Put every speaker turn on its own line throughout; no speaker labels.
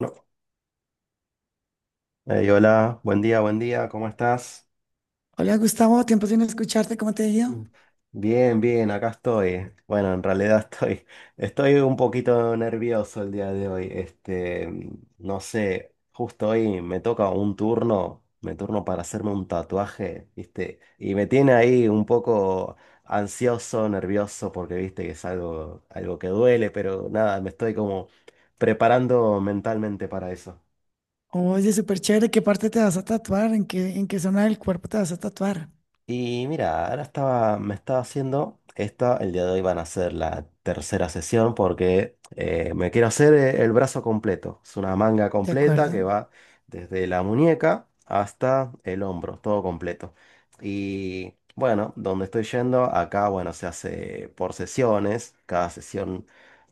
No. Ey, hola, buen día, ¿cómo estás?
Hola Gustavo, tiempo sin escucharte, ¿cómo te ha ido?
Mm. Bien, bien, acá estoy. Bueno, en realidad estoy un poquito nervioso el día de hoy. Este, no sé, justo hoy me toca un turno, me turno para hacerme un tatuaje, ¿viste? Y me tiene ahí un poco ansioso, nervioso, porque viste que es algo que duele, pero nada, me estoy como preparando mentalmente para eso.
Oye, súper chévere, ¿qué parte te vas a tatuar? ¿En qué zona del cuerpo te vas a tatuar?
Y mira, ahora me estaba haciendo esta, el día de hoy van a ser la tercera sesión porque me quiero hacer el brazo completo. Es una manga
¿De
completa
acuerdo?
que va desde la muñeca hasta el hombro, todo completo. Y bueno, donde estoy yendo, acá, bueno, se hace por sesiones, cada sesión,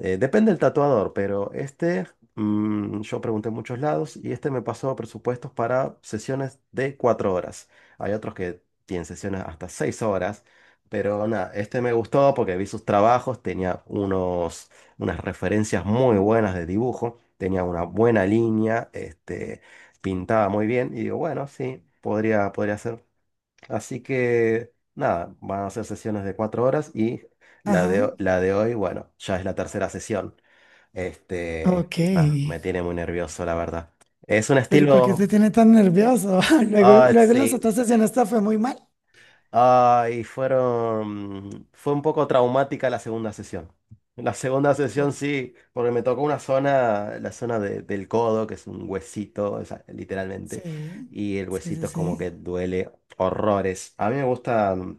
depende del tatuador, pero este, yo pregunté en muchos lados y este me pasó presupuestos para sesiones de 4 horas. Hay otros que tienen sesiones hasta 6 horas. Pero nada, este me gustó porque vi sus trabajos, tenía unas referencias muy buenas de dibujo, tenía una buena línea, este, pintaba muy bien y digo, bueno, sí, podría ser. Así que nada, van a ser sesiones de 4 horas y la
Ajá,
de, la de hoy, bueno, ya es la tercera sesión. Este,
ok.
nada, me tiene muy nervioso, la verdad. Es un
Pero ¿y por qué te
estilo...
tiene tan nervioso? Luego,
Ah,
luego las
sí.
otras sesiones te fue muy mal.
Ay, fue un poco traumática la segunda sesión. La segunda
Por...
sesión sí, porque me tocó una zona, la zona del codo, que es un huesito, o sea, literalmente,
Sí,
y el
sí,
huesito
sí,
es como
sí.
que duele horrores. A mí me gusta,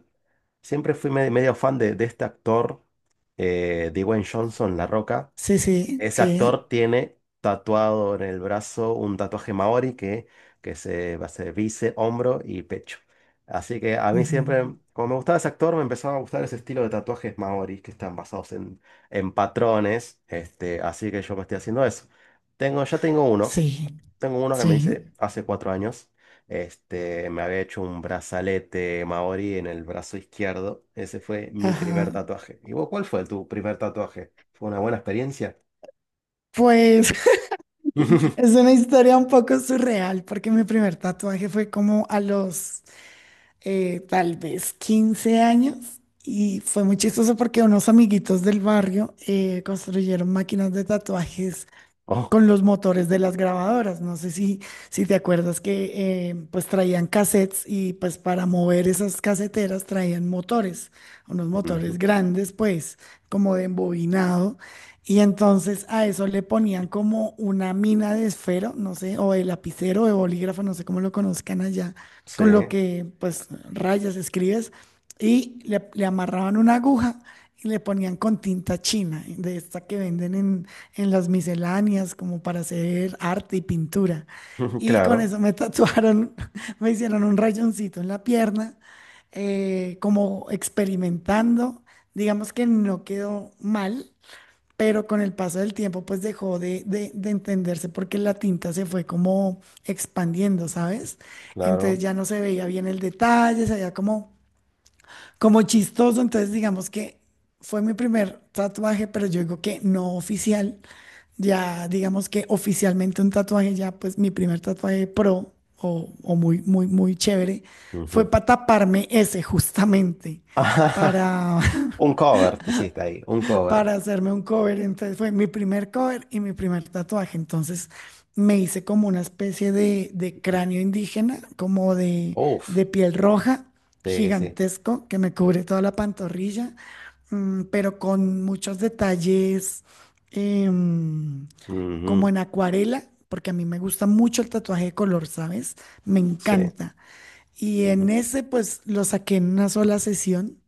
siempre fui medio fan de, este actor, Dwayne Johnson, La Roca.
Sí, sí,
Ese
sí.
actor tiene tatuado en el brazo un tatuaje maori que se va a ser bíceps, hombro y pecho. Así que a mí
Ujú.
siempre, como me gustaba ese actor, me empezaba a gustar ese estilo de tatuajes maori que están basados en patrones. Este, así que yo me estoy haciendo eso. Ya tengo uno.
Sí,
Tengo uno que me
sí.
hice hace 4 años. Este, me había hecho un brazalete maori en el brazo izquierdo. Ese fue mi
Ajá.
primer tatuaje. ¿Y vos cuál fue tu primer tatuaje? ¿Fue una buena experiencia?
Pues es una historia un poco surreal porque mi primer tatuaje fue como a los tal vez 15 años, y fue muy chistoso porque unos amiguitos del barrio construyeron máquinas de tatuajes
Oh.
con los motores de las grabadoras. No sé si te acuerdas que pues traían cassettes, y pues para mover esas caseteras traían motores, unos motores
Ujú.
grandes pues como de embobinado. Y entonces a eso le ponían como una mina de esfero, no sé, o de lapicero, de bolígrafo, no sé cómo lo conozcan allá,
Sí,
con lo que pues rayas, escribes, y le amarraban una aguja y le ponían con tinta china, de esta que venden en las misceláneas, como para hacer arte y pintura. Y con
claro,
eso me tatuaron, me hicieron un rayoncito en la pierna, como experimentando. Digamos que no quedó mal, pero con el paso del tiempo pues dejó de entenderse porque la tinta se fue como expandiendo, ¿sabes? Entonces
claro.
ya no se veía bien el detalle, se veía como, chistoso. Entonces digamos que fue mi primer tatuaje, pero yo digo que no oficial. Ya, digamos que oficialmente un tatuaje, ya pues mi primer tatuaje pro, o muy, muy, muy chévere, fue
Ujú.
para taparme ese justamente,
Ajá,
para,
un cover, te hiciste ahí, un cover.
para hacerme un cover. Entonces fue mi primer cover y mi primer tatuaje. Entonces me hice como una especie de cráneo indígena, como de,
Uf,
de piel roja,
sí, sí.
gigantesco, que me cubre toda la pantorrilla, pero con muchos detalles. em, Como
Ujú.
en acuarela, porque a mí me gusta mucho el tatuaje de color, ¿sabes? Me
Sí.
encanta. Y en
Ujú.
ese, pues lo saqué en una sola sesión.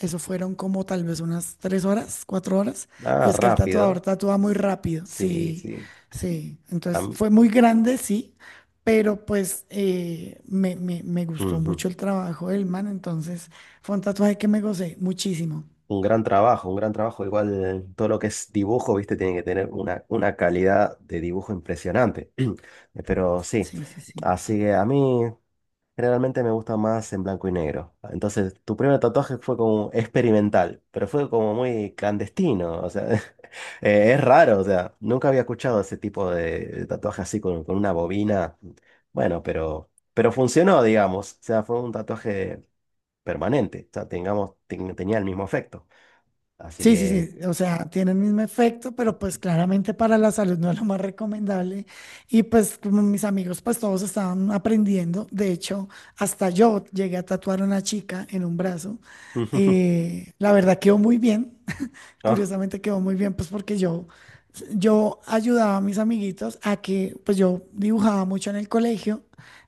Eso fueron como tal vez unas 3 horas, 4 horas. Y
Ah,
es que el tatuador
rápido.
tatúa muy rápido,
Sí,
sí,
sí.
sí. Entonces
Am-
fue muy grande, sí, pero pues me gustó mucho
Ujú.
el trabajo del man. Entonces fue un tatuaje que me gocé muchísimo.
Un gran trabajo, un gran trabajo. Igual todo lo que es dibujo, viste, tiene que tener una, calidad de dibujo impresionante. Pero sí,
Sí, sí, sí.
así que a mí. Generalmente me gusta más en blanco y negro. Entonces, tu primer tatuaje fue como experimental, pero fue como muy clandestino. O sea, es raro. O sea, nunca había escuchado ese tipo de, tatuaje así con una bobina. Bueno, pero funcionó, digamos. O sea, fue un tatuaje permanente. O sea, tenía el mismo efecto. Así
Sí, sí,
que.
sí, o sea, tiene el mismo efecto, pero pues claramente para la salud no es lo más recomendable. Y pues como mis amigos, pues todos estaban aprendiendo. De hecho, hasta yo llegué a tatuar a una chica en un brazo. La verdad quedó muy bien,
Oh,
curiosamente quedó muy bien, pues porque yo ayudaba a mis amiguitos a que, pues yo dibujaba mucho en el colegio,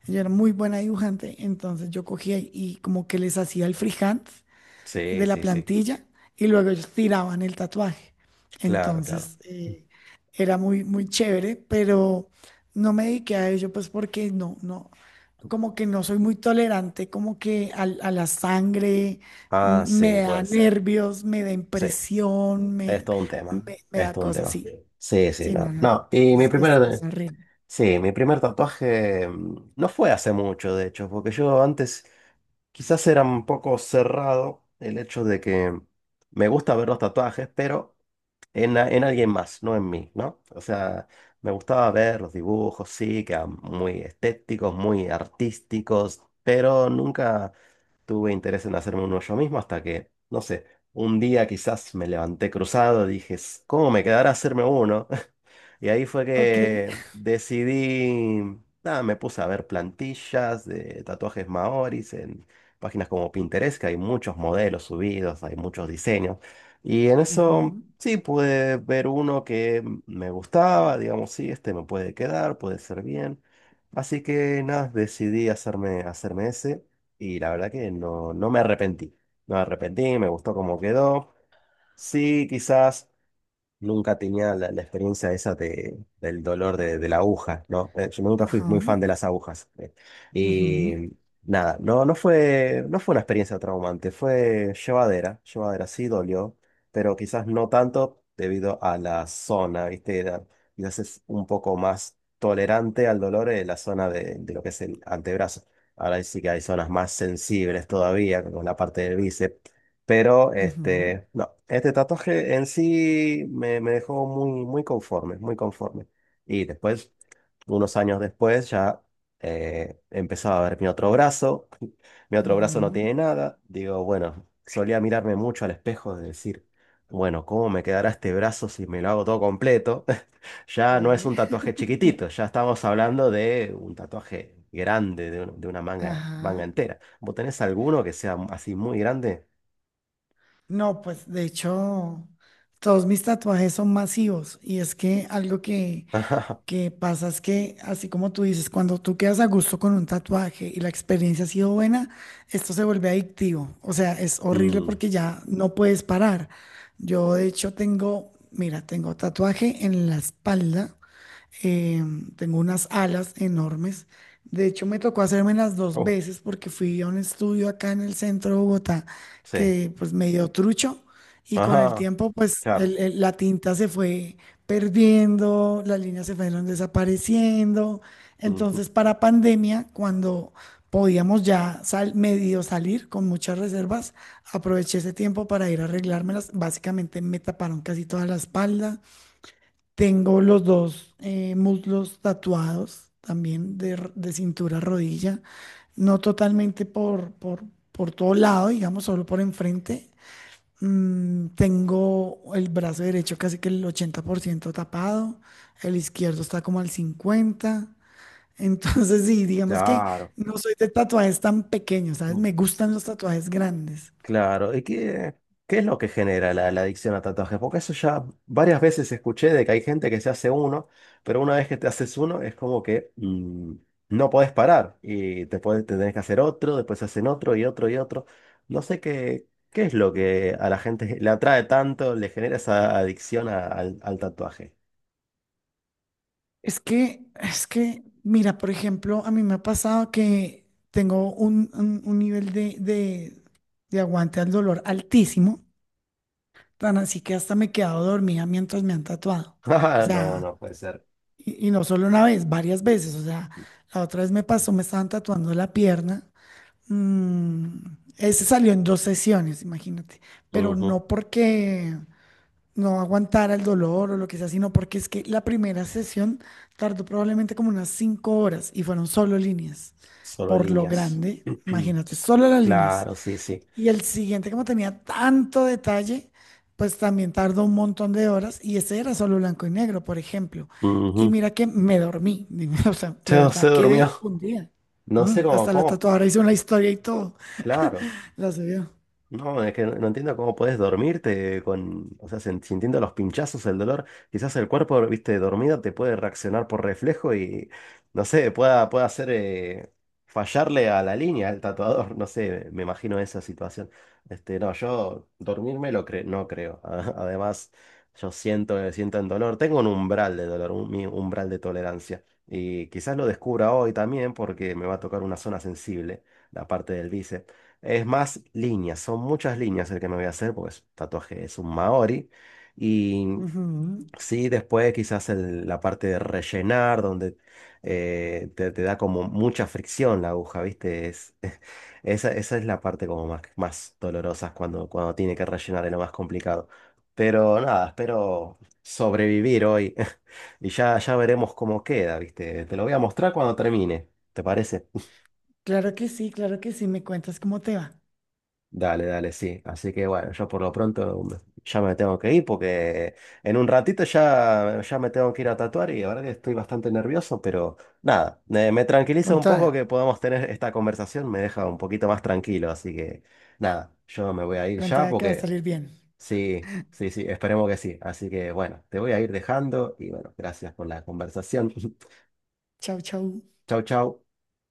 yo era muy buena dibujante, entonces yo cogía y como que les hacía el freehand
sí,
de la
sí, sí.
plantilla y luego ellos tiraban el tatuaje.
Claro, claro.
Entonces, era muy, muy chévere, pero no me dediqué a ello pues porque no, no, como que no soy muy tolerante, como que a, la sangre
Ah,
me
sí,
da
puede ser.
nervios, me da
Sí.
impresión,
Es
me,
todo un tema,
me, me
es
da
todo un
cosas.
tema.
Sí,
Sí, sí,
sí, no,
no.
no,
No, y mi
es
primer,
horrible.
sí, mi primer tatuaje no fue hace mucho, de hecho, porque yo antes quizás era un poco cerrado el hecho de que me gusta ver los tatuajes, pero en, en alguien más, no en mí, ¿no? O sea, me gustaba ver los dibujos, sí, que eran muy estéticos, muy artísticos, pero nunca tuve interés en hacerme uno yo mismo hasta que, no sé, un día quizás me levanté cruzado, dije, ¿Cómo me quedará hacerme uno? Y ahí fue
Ok.
que decidí, nada, me puse a ver plantillas de tatuajes maoris en páginas como Pinterest, que hay muchos modelos subidos, hay muchos diseños. Y en eso
Ujú,
sí pude ver uno que me gustaba, digamos, sí, este me puede quedar, puede ser bien. Así que nada, decidí hacerme ese y la verdad que no, no me arrepentí. No me arrepentí, me gustó cómo quedó. Sí, quizás. Nunca tenía la, experiencia esa del dolor de la aguja, ¿no? Yo nunca fui
ajá,
muy fan de las agujas.
ujú,
Y nada, no, no fue una experiencia traumante, fue llevadera, llevadera, sí dolió, pero quizás no tanto debido a la zona, ¿viste? Quizás es un poco más tolerante al dolor en la zona de, lo que es el antebrazo. Ahora sí que hay zonas más sensibles todavía, como la parte del bíceps. Pero
ujú,
este, no, este tatuaje en sí me dejó muy, muy conforme, muy conforme. Y después, unos años después, ya empezaba a ver mi otro brazo. Mi otro brazo no
ujú,
tiene nada. Digo, bueno, solía mirarme mucho al espejo de decir, bueno, ¿cómo me quedará este brazo si me lo hago todo completo? Ya no es
sí,
un tatuaje chiquitito, ya estamos hablando de un tatuaje grande, de una manga, manga
ajá.
entera. ¿Vos tenés alguno que sea así muy grande?
No, pues de hecho, todos mis tatuajes son masivos, y es que algo que, que pasa es que, así como tú dices, cuando tú quedas a gusto con un tatuaje y la experiencia ha sido buena, esto se vuelve adictivo. O sea, es horrible
Mm,
porque ya no puedes parar. Yo de hecho tengo, mira, tengo tatuaje en la espalda, eh, tengo unas alas enormes. De hecho, me tocó hacerme las dos
oh,
veces porque fui a un estudio acá en el centro de Bogotá
sí.
que pues me dio trucho, y con el
Ajá,
tiempo pues
claro.
la tinta se fue perdiendo, las líneas se fueron desapareciendo.
Ujú.
Entonces, para pandemia, cuando podíamos ya medio salir con muchas reservas, aproveché ese tiempo para ir a arreglármelas. Básicamente me taparon casi toda la espalda. Tengo los dos muslos tatuados también de cintura a rodilla, no totalmente por, todo lado, digamos, solo por enfrente. Tengo el brazo derecho casi que el 80% tapado, el izquierdo está como al 50%. Entonces, sí, digamos que
Claro.
no soy de tatuajes tan pequeños, ¿sabes?
Mm.
Me gustan los tatuajes grandes.
Claro. ¿Y qué, es lo que genera la adicción a tatuajes? Porque eso ya varias veces escuché de que hay gente que se hace uno, pero una vez que te haces uno es como que no podés parar y te tenés que hacer otro, después se hacen otro y otro y otro. No sé qué es lo que a la gente le atrae tanto, le genera esa adicción al tatuaje.
Es que, mira, por ejemplo, a mí me ha pasado que tengo un, nivel de aguante al dolor altísimo, tan así que hasta me he quedado dormida mientras me han tatuado. O
No,
sea,
no puede ser.
y no solo una vez, varias veces. O sea, la otra vez me pasó, me estaban tatuando la pierna. Ese salió en dos sesiones, imagínate. Pero no porque no aguantara el dolor o lo que sea, sino porque es que la primera sesión tardó probablemente como unas 5 horas y fueron solo líneas.
Solo
Por lo
líneas.
grande, imagínate, solo las líneas.
Claro, sí, sí.
Y el siguiente, como tenía tanto detalle, pues también tardó un montón de horas, y ese era solo blanco y negro, por ejemplo. Y
Ujú.
mira que me dormí, o sea, de
Entonces se
verdad
durmió.
quedé fundida.
No sé cómo,
Hasta la
cómo.
tatuadora hizo una historia y todo,
Claro.
la subió.
No, es que no entiendo cómo podés dormirte con, o sea, sintiendo los pinchazos, el dolor. Quizás el cuerpo, viste, dormido te puede reaccionar por reflejo y, no sé, pueda hacer fallarle a la línea al tatuador. No sé, me imagino esa situación. Este, no, yo dormirme no creo. Además, yo siento el dolor. Tengo un umbral de dolor, un mi umbral de tolerancia. Y quizás lo descubra hoy también porque me va a tocar una zona sensible, la parte del bíceps. Son muchas líneas el que me voy a hacer, porque es un tatuaje, es un maori. Y
Ujú.
sí, después quizás la parte de rellenar, donde te, da como mucha fricción la aguja, ¿viste? Esa es la parte como más, más dolorosa cuando tiene que rellenar, es lo más complicado. Pero nada, espero sobrevivir hoy y ya veremos cómo queda, ¿viste? Te lo voy a mostrar cuando termine, ¿te parece?
Claro que sí, me cuentas cómo te va.
Dale, dale, sí. Así que bueno, yo por lo pronto ya me tengo que ir porque en un ratito ya, me tengo que ir a tatuar y la verdad que estoy bastante nervioso, pero nada, me tranquiliza
Con
un
toda.
poco que podamos tener esta conversación, me deja un poquito más tranquilo, así que nada, yo me voy a ir ya
Contada que va a
porque
salir bien.
sí, sí, sí, esperemos que sí. Así que bueno, te voy a ir dejando y bueno, gracias por la conversación.
Chau, chau.
Chau, chau.